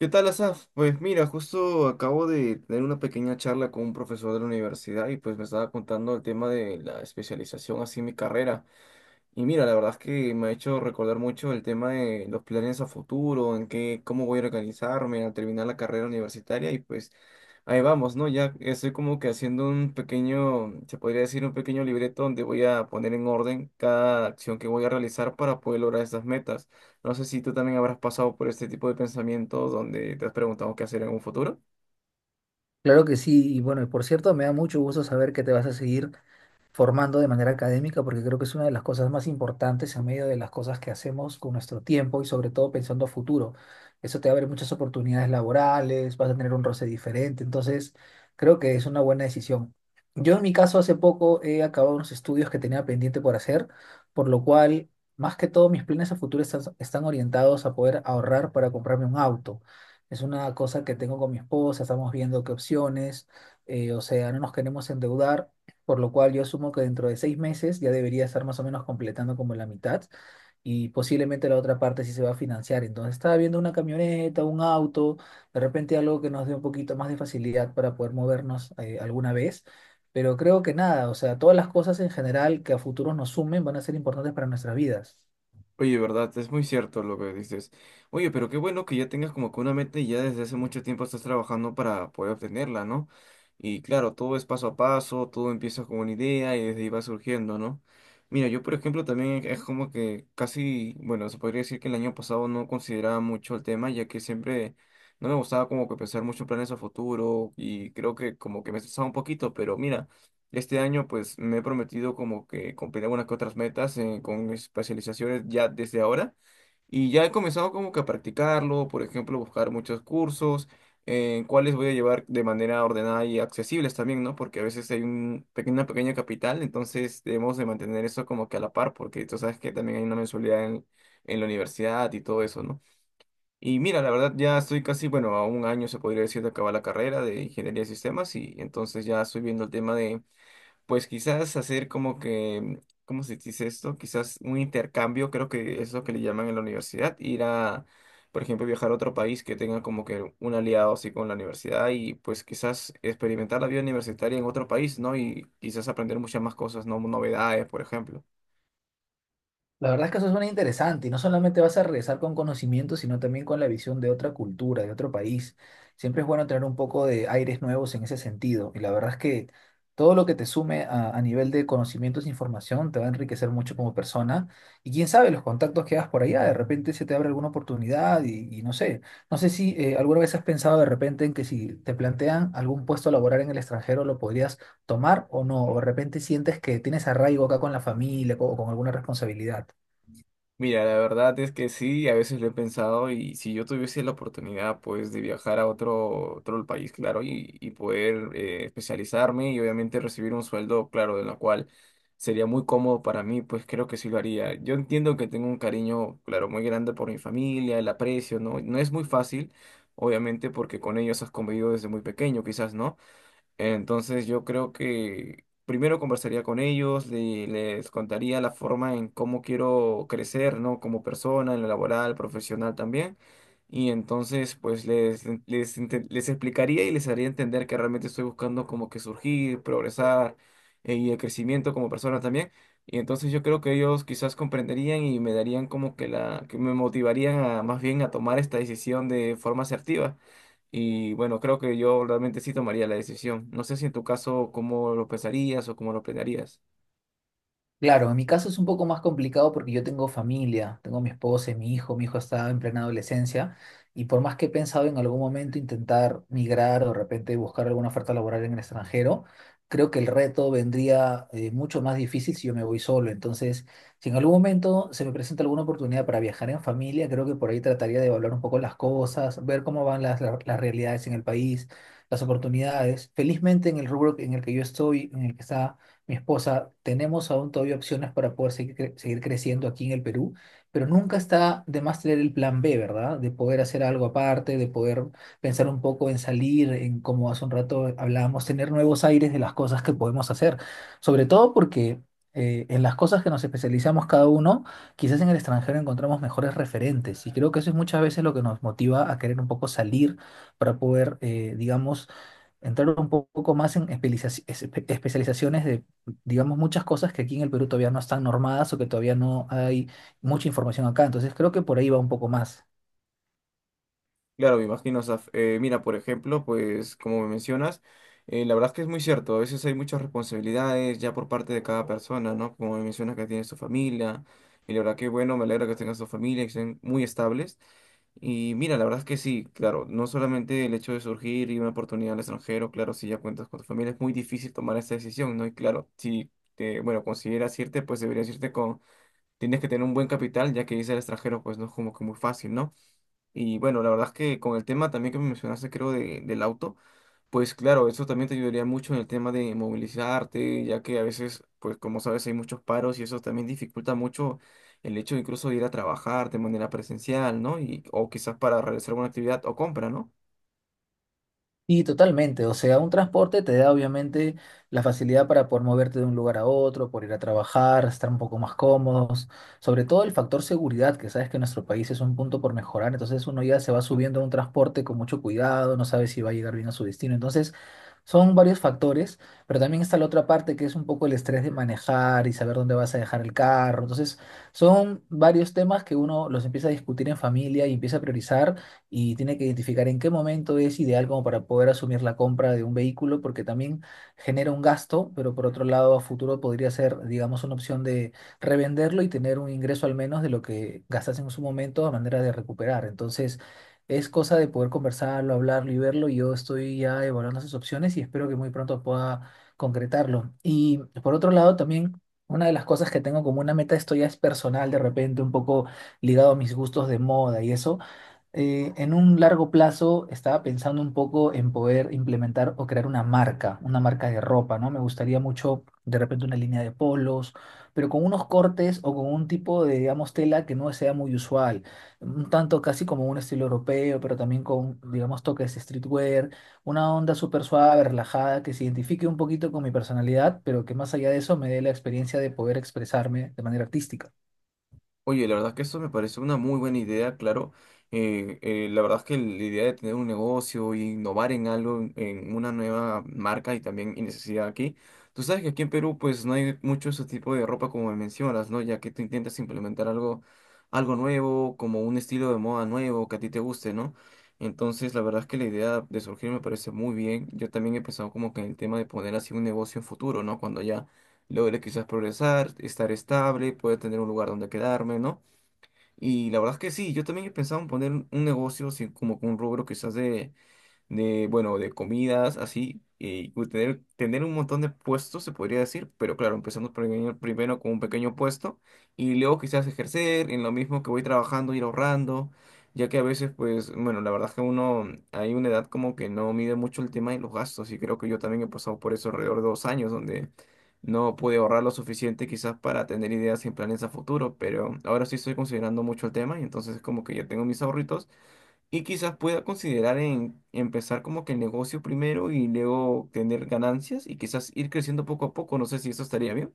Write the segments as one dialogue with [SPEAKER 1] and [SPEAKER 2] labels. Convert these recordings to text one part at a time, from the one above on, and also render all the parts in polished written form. [SPEAKER 1] ¿Qué tal, Asaf? Pues mira, justo acabo de tener una pequeña charla con un profesor de la universidad y pues me estaba contando el tema de la especialización, así mi carrera. Y mira, la verdad es que me ha hecho recordar mucho el tema de los planes a futuro, en qué, cómo voy a organizarme al terminar la carrera universitaria y pues ahí vamos, ¿no? Ya estoy como que haciendo un pequeño, se podría decir un pequeño libreto donde voy a poner en orden cada acción que voy a realizar para poder lograr esas metas. No sé si tú también habrás pasado por este tipo de pensamientos donde te has preguntado qué hacer en un futuro.
[SPEAKER 2] Claro que sí, y bueno, y por cierto, me da mucho gusto saber que te vas a seguir formando de manera académica, porque creo que es una de las cosas más importantes en medio de las cosas que hacemos con nuestro tiempo y sobre todo pensando a futuro. Eso te abre muchas oportunidades laborales, vas a tener un roce diferente, entonces creo que es una buena decisión. Yo en mi caso hace poco he acabado unos estudios que tenía pendiente por hacer, por lo cual más que todo mis planes a futuro están, están orientados a poder ahorrar para comprarme un auto. Es una cosa que tengo con mi esposa, estamos viendo qué opciones, o sea, no nos queremos endeudar, por lo cual yo asumo que dentro de 6 meses ya debería estar más o menos completando como la mitad y posiblemente la otra parte sí se va a financiar. Entonces estaba viendo una camioneta, un auto, de repente algo que nos dé un poquito más de facilidad para poder movernos alguna vez. Pero creo que nada, o sea, todas las cosas en general que a futuro nos sumen van a ser importantes para nuestras vidas.
[SPEAKER 1] Oye, verdad, es muy cierto lo que dices. Oye, pero qué bueno que ya tengas como que una meta y ya desde hace mucho tiempo estás trabajando para poder obtenerla, ¿no? Y claro, todo es paso a paso, todo empieza con una idea y desde ahí va surgiendo, ¿no? Mira, yo por ejemplo también es como que casi, bueno, se podría decir que el año pasado no consideraba mucho el tema, ya que siempre no me gustaba como que pensar mucho en planes a futuro y creo que como que me estresaba un poquito, pero mira. Este año pues me he prometido como que cumplir algunas que otras metas con mis especializaciones ya desde ahora y ya he comenzado como que a practicarlo, por ejemplo, buscar muchos cursos en cuáles voy a llevar de manera ordenada y accesibles también, ¿no? Porque a veces hay un pequeña, una pequeña capital, entonces debemos de mantener eso como que a la par porque tú sabes que también hay una mensualidad en la universidad y todo eso, ¿no? Y mira, la verdad ya estoy casi, bueno, a un año se podría decir de acabar la carrera de ingeniería de sistemas y entonces ya estoy viendo el tema de pues quizás hacer como que, ¿cómo se dice esto? Quizás un intercambio, creo que es lo que le llaman en la universidad, ir a, por ejemplo, viajar a otro país que tenga como que un aliado así con la universidad y pues quizás experimentar la vida universitaria en otro país, ¿no? Y quizás aprender muchas más cosas, ¿no? Novedades, por ejemplo.
[SPEAKER 2] La verdad es que eso suena interesante y no solamente vas a regresar con conocimiento, sino también con la visión de otra cultura, de otro país. Siempre es bueno tener un poco de aires nuevos en ese sentido y la verdad es que todo lo que te sume a nivel de conocimientos e información te va a enriquecer mucho como persona, y quién sabe los contactos que hagas por allá, de repente se te abre alguna oportunidad y no sé, si alguna vez has pensado de repente en que si te plantean algún puesto laboral en el extranjero lo podrías tomar o no, o de repente sientes que tienes arraigo acá con la familia o con alguna responsabilidad.
[SPEAKER 1] Mira, la verdad es que sí, a veces lo he pensado y si yo tuviese la oportunidad pues de viajar a otro, otro país, claro, y poder especializarme y obviamente recibir un sueldo, claro, de lo cual sería muy cómodo para mí, pues creo que sí lo haría. Yo entiendo que tengo un cariño, claro, muy grande por mi familia, el aprecio, ¿no? No es muy fácil, obviamente, porque con ellos has convivido desde muy pequeño, quizás, ¿no? Entonces yo creo que primero conversaría con ellos, les contaría la forma en cómo quiero crecer, ¿no? Como persona, en lo laboral, profesional también. Y entonces pues les explicaría y les haría entender que realmente estoy buscando como que surgir, progresar y el crecimiento como persona también. Y entonces yo creo que ellos quizás comprenderían y me darían como que la, que me motivarían a más bien a tomar esta decisión de forma asertiva. Y bueno, creo que yo realmente sí tomaría la decisión. No sé si en tu caso cómo lo pensarías o cómo lo planearías.
[SPEAKER 2] Claro, en mi caso es un poco más complicado porque yo tengo familia, tengo mi esposa y mi hijo está en plena adolescencia y por más que he pensado en algún momento intentar migrar o de repente buscar alguna oferta laboral en el extranjero, creo que el reto vendría mucho más difícil si yo me voy solo. Entonces, si en algún momento se me presenta alguna oportunidad para viajar en familia, creo que por ahí trataría de evaluar un poco las cosas, ver cómo van las realidades en el país, las oportunidades. Felizmente en el rubro en el que yo estoy, en el que está mi esposa, tenemos aún todavía opciones para poder seguir, seguir creciendo aquí en el Perú, pero nunca está de más tener el plan B, ¿verdad? De poder hacer algo aparte, de poder pensar un poco en salir, en como hace un rato hablábamos, tener nuevos aires de las cosas que podemos hacer, sobre todo porque... en las cosas que nos especializamos cada uno, quizás en el extranjero encontramos mejores referentes y creo que eso es muchas veces lo que nos motiva a querer un poco salir para poder, digamos, entrar un poco más en especializaciones de, digamos, muchas cosas que aquí en el Perú todavía no están normadas o que todavía no hay mucha información acá. Entonces creo que por ahí va un poco más.
[SPEAKER 1] Claro, me imagino, Saf. Mira, por ejemplo, pues como me mencionas, la verdad es que es muy cierto, a veces hay muchas responsabilidades ya por parte de cada persona, ¿no? Como me mencionas que tienes tu familia, y la verdad que bueno, me alegra que tengas tu familia, y que estén muy estables. Y mira, la verdad es que sí, claro, no solamente el hecho de surgir y una oportunidad al extranjero, claro, si ya cuentas con tu familia, es muy difícil tomar esta decisión, ¿no? Y claro, si te, bueno, consideras irte, pues deberías irte con, tienes que tener un buen capital, ya que irse al extranjero, pues no es como que muy fácil, ¿no? Y bueno, la verdad es que con el tema también que me mencionaste, creo, del auto, pues claro, eso también te ayudaría mucho en el tema de movilizarte, ya que a veces, pues como sabes, hay muchos paros y eso también dificulta mucho el hecho incluso de ir a trabajar de manera presencial, ¿no? Y, o quizás para realizar alguna actividad o compra, ¿no?
[SPEAKER 2] Y totalmente, o sea, un transporte te da obviamente la facilidad para poder moverte de un lugar a otro, por ir a trabajar, estar un poco más cómodos, sobre todo el factor seguridad, que sabes que en nuestro país es un punto por mejorar, entonces uno ya se va subiendo a un transporte con mucho cuidado, no sabe si va a llegar bien a su destino, entonces son varios factores, pero también está la otra parte que es un poco el estrés de manejar y saber dónde vas a dejar el carro, entonces son varios temas que uno los empieza a discutir en familia y empieza a priorizar y tiene que identificar en qué momento es ideal como para poder asumir la compra de un vehículo, porque también genera un gasto, pero por otro lado a futuro podría ser, digamos, una opción de revenderlo y tener un ingreso al menos de lo que gastas en su momento a manera de recuperar. Entonces, es cosa de poder conversarlo, hablarlo y verlo. Yo estoy ya evaluando esas opciones y espero que muy pronto pueda concretarlo. Y por otro lado, también una de las cosas que tengo como una meta, esto ya es personal, de repente un poco ligado a mis gustos de moda y eso, en un largo plazo estaba pensando un poco en poder implementar o crear una marca de ropa, ¿no? Me gustaría mucho de repente una línea de polos, pero con unos cortes o con un tipo de, digamos, tela que no sea muy usual, un tanto casi como un estilo europeo, pero también con, digamos, toques streetwear, una onda súper suave, relajada, que se identifique un poquito con mi personalidad, pero que más allá de eso me dé la experiencia de poder expresarme de manera artística.
[SPEAKER 1] Oye, la verdad es que eso me parece una muy buena idea, claro. La verdad es que la idea de tener un negocio e innovar en algo, en una nueva marca y también y necesidad aquí. Tú sabes que aquí en Perú pues no hay mucho ese tipo de ropa como me mencionas, ¿no? Ya que tú intentas implementar algo, algo nuevo, como un estilo de moda nuevo que a ti te guste, ¿no? Entonces, la verdad es que la idea de surgir me parece muy bien. Yo también he pensado como que en el tema de poner así un negocio en futuro, ¿no? Cuando ya logre quizás progresar, estar estable, poder tener un lugar donde quedarme, ¿no? Y la verdad es que sí, yo también he pensado en poner un negocio, así como con un rubro quizás de bueno, de comidas, así, y tener, tener un montón de puestos, se podría decir, pero claro, empezando primero, primero con un pequeño puesto y luego quizás ejercer en lo mismo que voy trabajando, ir ahorrando, ya que a veces, pues, bueno, la verdad es que uno, hay una edad como que no mide mucho el tema de los gastos y creo que yo también he pasado por eso alrededor de 2 años, donde… No pude ahorrar lo suficiente quizás para tener ideas y planes a futuro, pero ahora sí estoy considerando mucho el tema y entonces como que ya tengo mis ahorritos y quizás pueda considerar en empezar como que el negocio primero y luego tener ganancias y quizás ir creciendo poco a poco. No sé si eso estaría bien.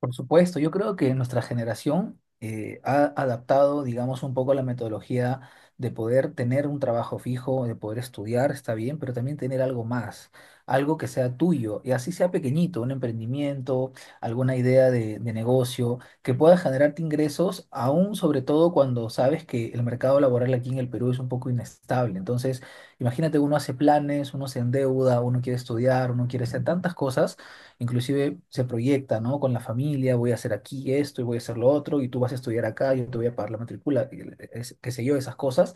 [SPEAKER 2] Por supuesto, yo creo que nuestra generación ha adaptado, digamos, un poco la metodología de poder tener un trabajo fijo, de poder estudiar, está bien, pero también tener algo más, algo que sea tuyo, y así sea pequeñito, un emprendimiento, alguna idea de negocio, que pueda generarte ingresos, aún sobre todo cuando sabes que el mercado laboral aquí en el Perú es un poco inestable. Entonces, imagínate, uno hace planes, uno se endeuda, uno quiere estudiar, uno quiere hacer tantas cosas, inclusive se proyecta, ¿no? Con la familia, voy a hacer aquí esto y voy a hacer lo otro, y tú vas a estudiar acá, yo te voy a pagar la matrícula, y qué sé yo, esas cosas.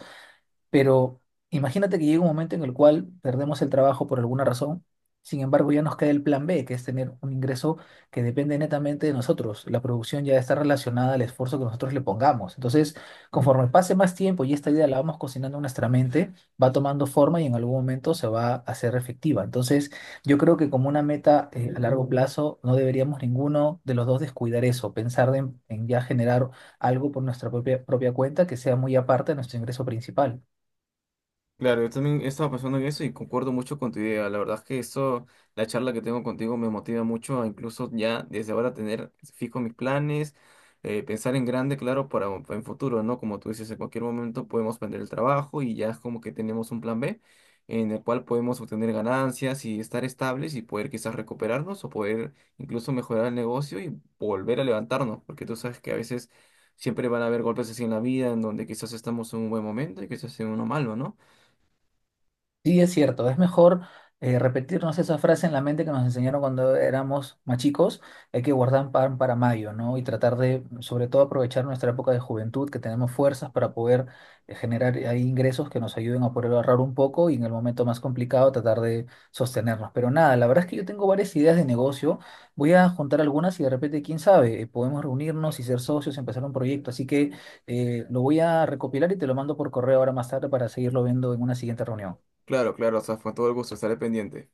[SPEAKER 2] Pero imagínate que llega un momento en el cual perdemos el trabajo por alguna razón, sin embargo ya nos queda el plan B, que es tener un ingreso que depende netamente de nosotros. La producción ya está relacionada al esfuerzo que nosotros le pongamos. Entonces, conforme pase más tiempo y esta idea la vamos cocinando en nuestra mente, va tomando forma y en algún momento se va a hacer efectiva. Entonces, yo creo que como una meta, a largo plazo, no deberíamos ninguno de los dos descuidar eso, pensar en ya generar algo por nuestra propia cuenta que sea muy aparte de nuestro ingreso principal.
[SPEAKER 1] Claro, yo también estaba pensando en eso y concuerdo mucho con tu idea. La verdad es que eso, la charla que tengo contigo me motiva mucho a incluso ya desde ahora tener fijo mis planes, pensar en grande, claro, para en futuro, ¿no? Como tú dices, en cualquier momento podemos perder el trabajo y ya es como que tenemos un plan B en el cual podemos obtener ganancias y estar estables y poder quizás recuperarnos o poder incluso mejorar el negocio y volver a levantarnos, porque tú sabes que a veces siempre van a haber golpes así en la vida en donde quizás estamos en un buen momento y quizás en uno malo, ¿no?
[SPEAKER 2] Sí, es cierto, es mejor repetirnos esa frase en la mente que nos enseñaron cuando éramos más chicos, hay que guardar pan para mayo, ¿no? Y tratar de, sobre todo, aprovechar nuestra época de juventud, que tenemos fuerzas para poder generar ahí ingresos que nos ayuden a poder ahorrar un poco y en el momento más complicado tratar de sostenernos. Pero nada, la verdad es que yo tengo varias ideas de negocio, voy a juntar algunas y de repente, quién sabe, podemos reunirnos y ser socios, empezar un proyecto, así que lo voy a recopilar y te lo mando por correo ahora más tarde para seguirlo viendo en una siguiente reunión.
[SPEAKER 1] Claro, claro, o sea, fue todo el gusto, estaré pendiente.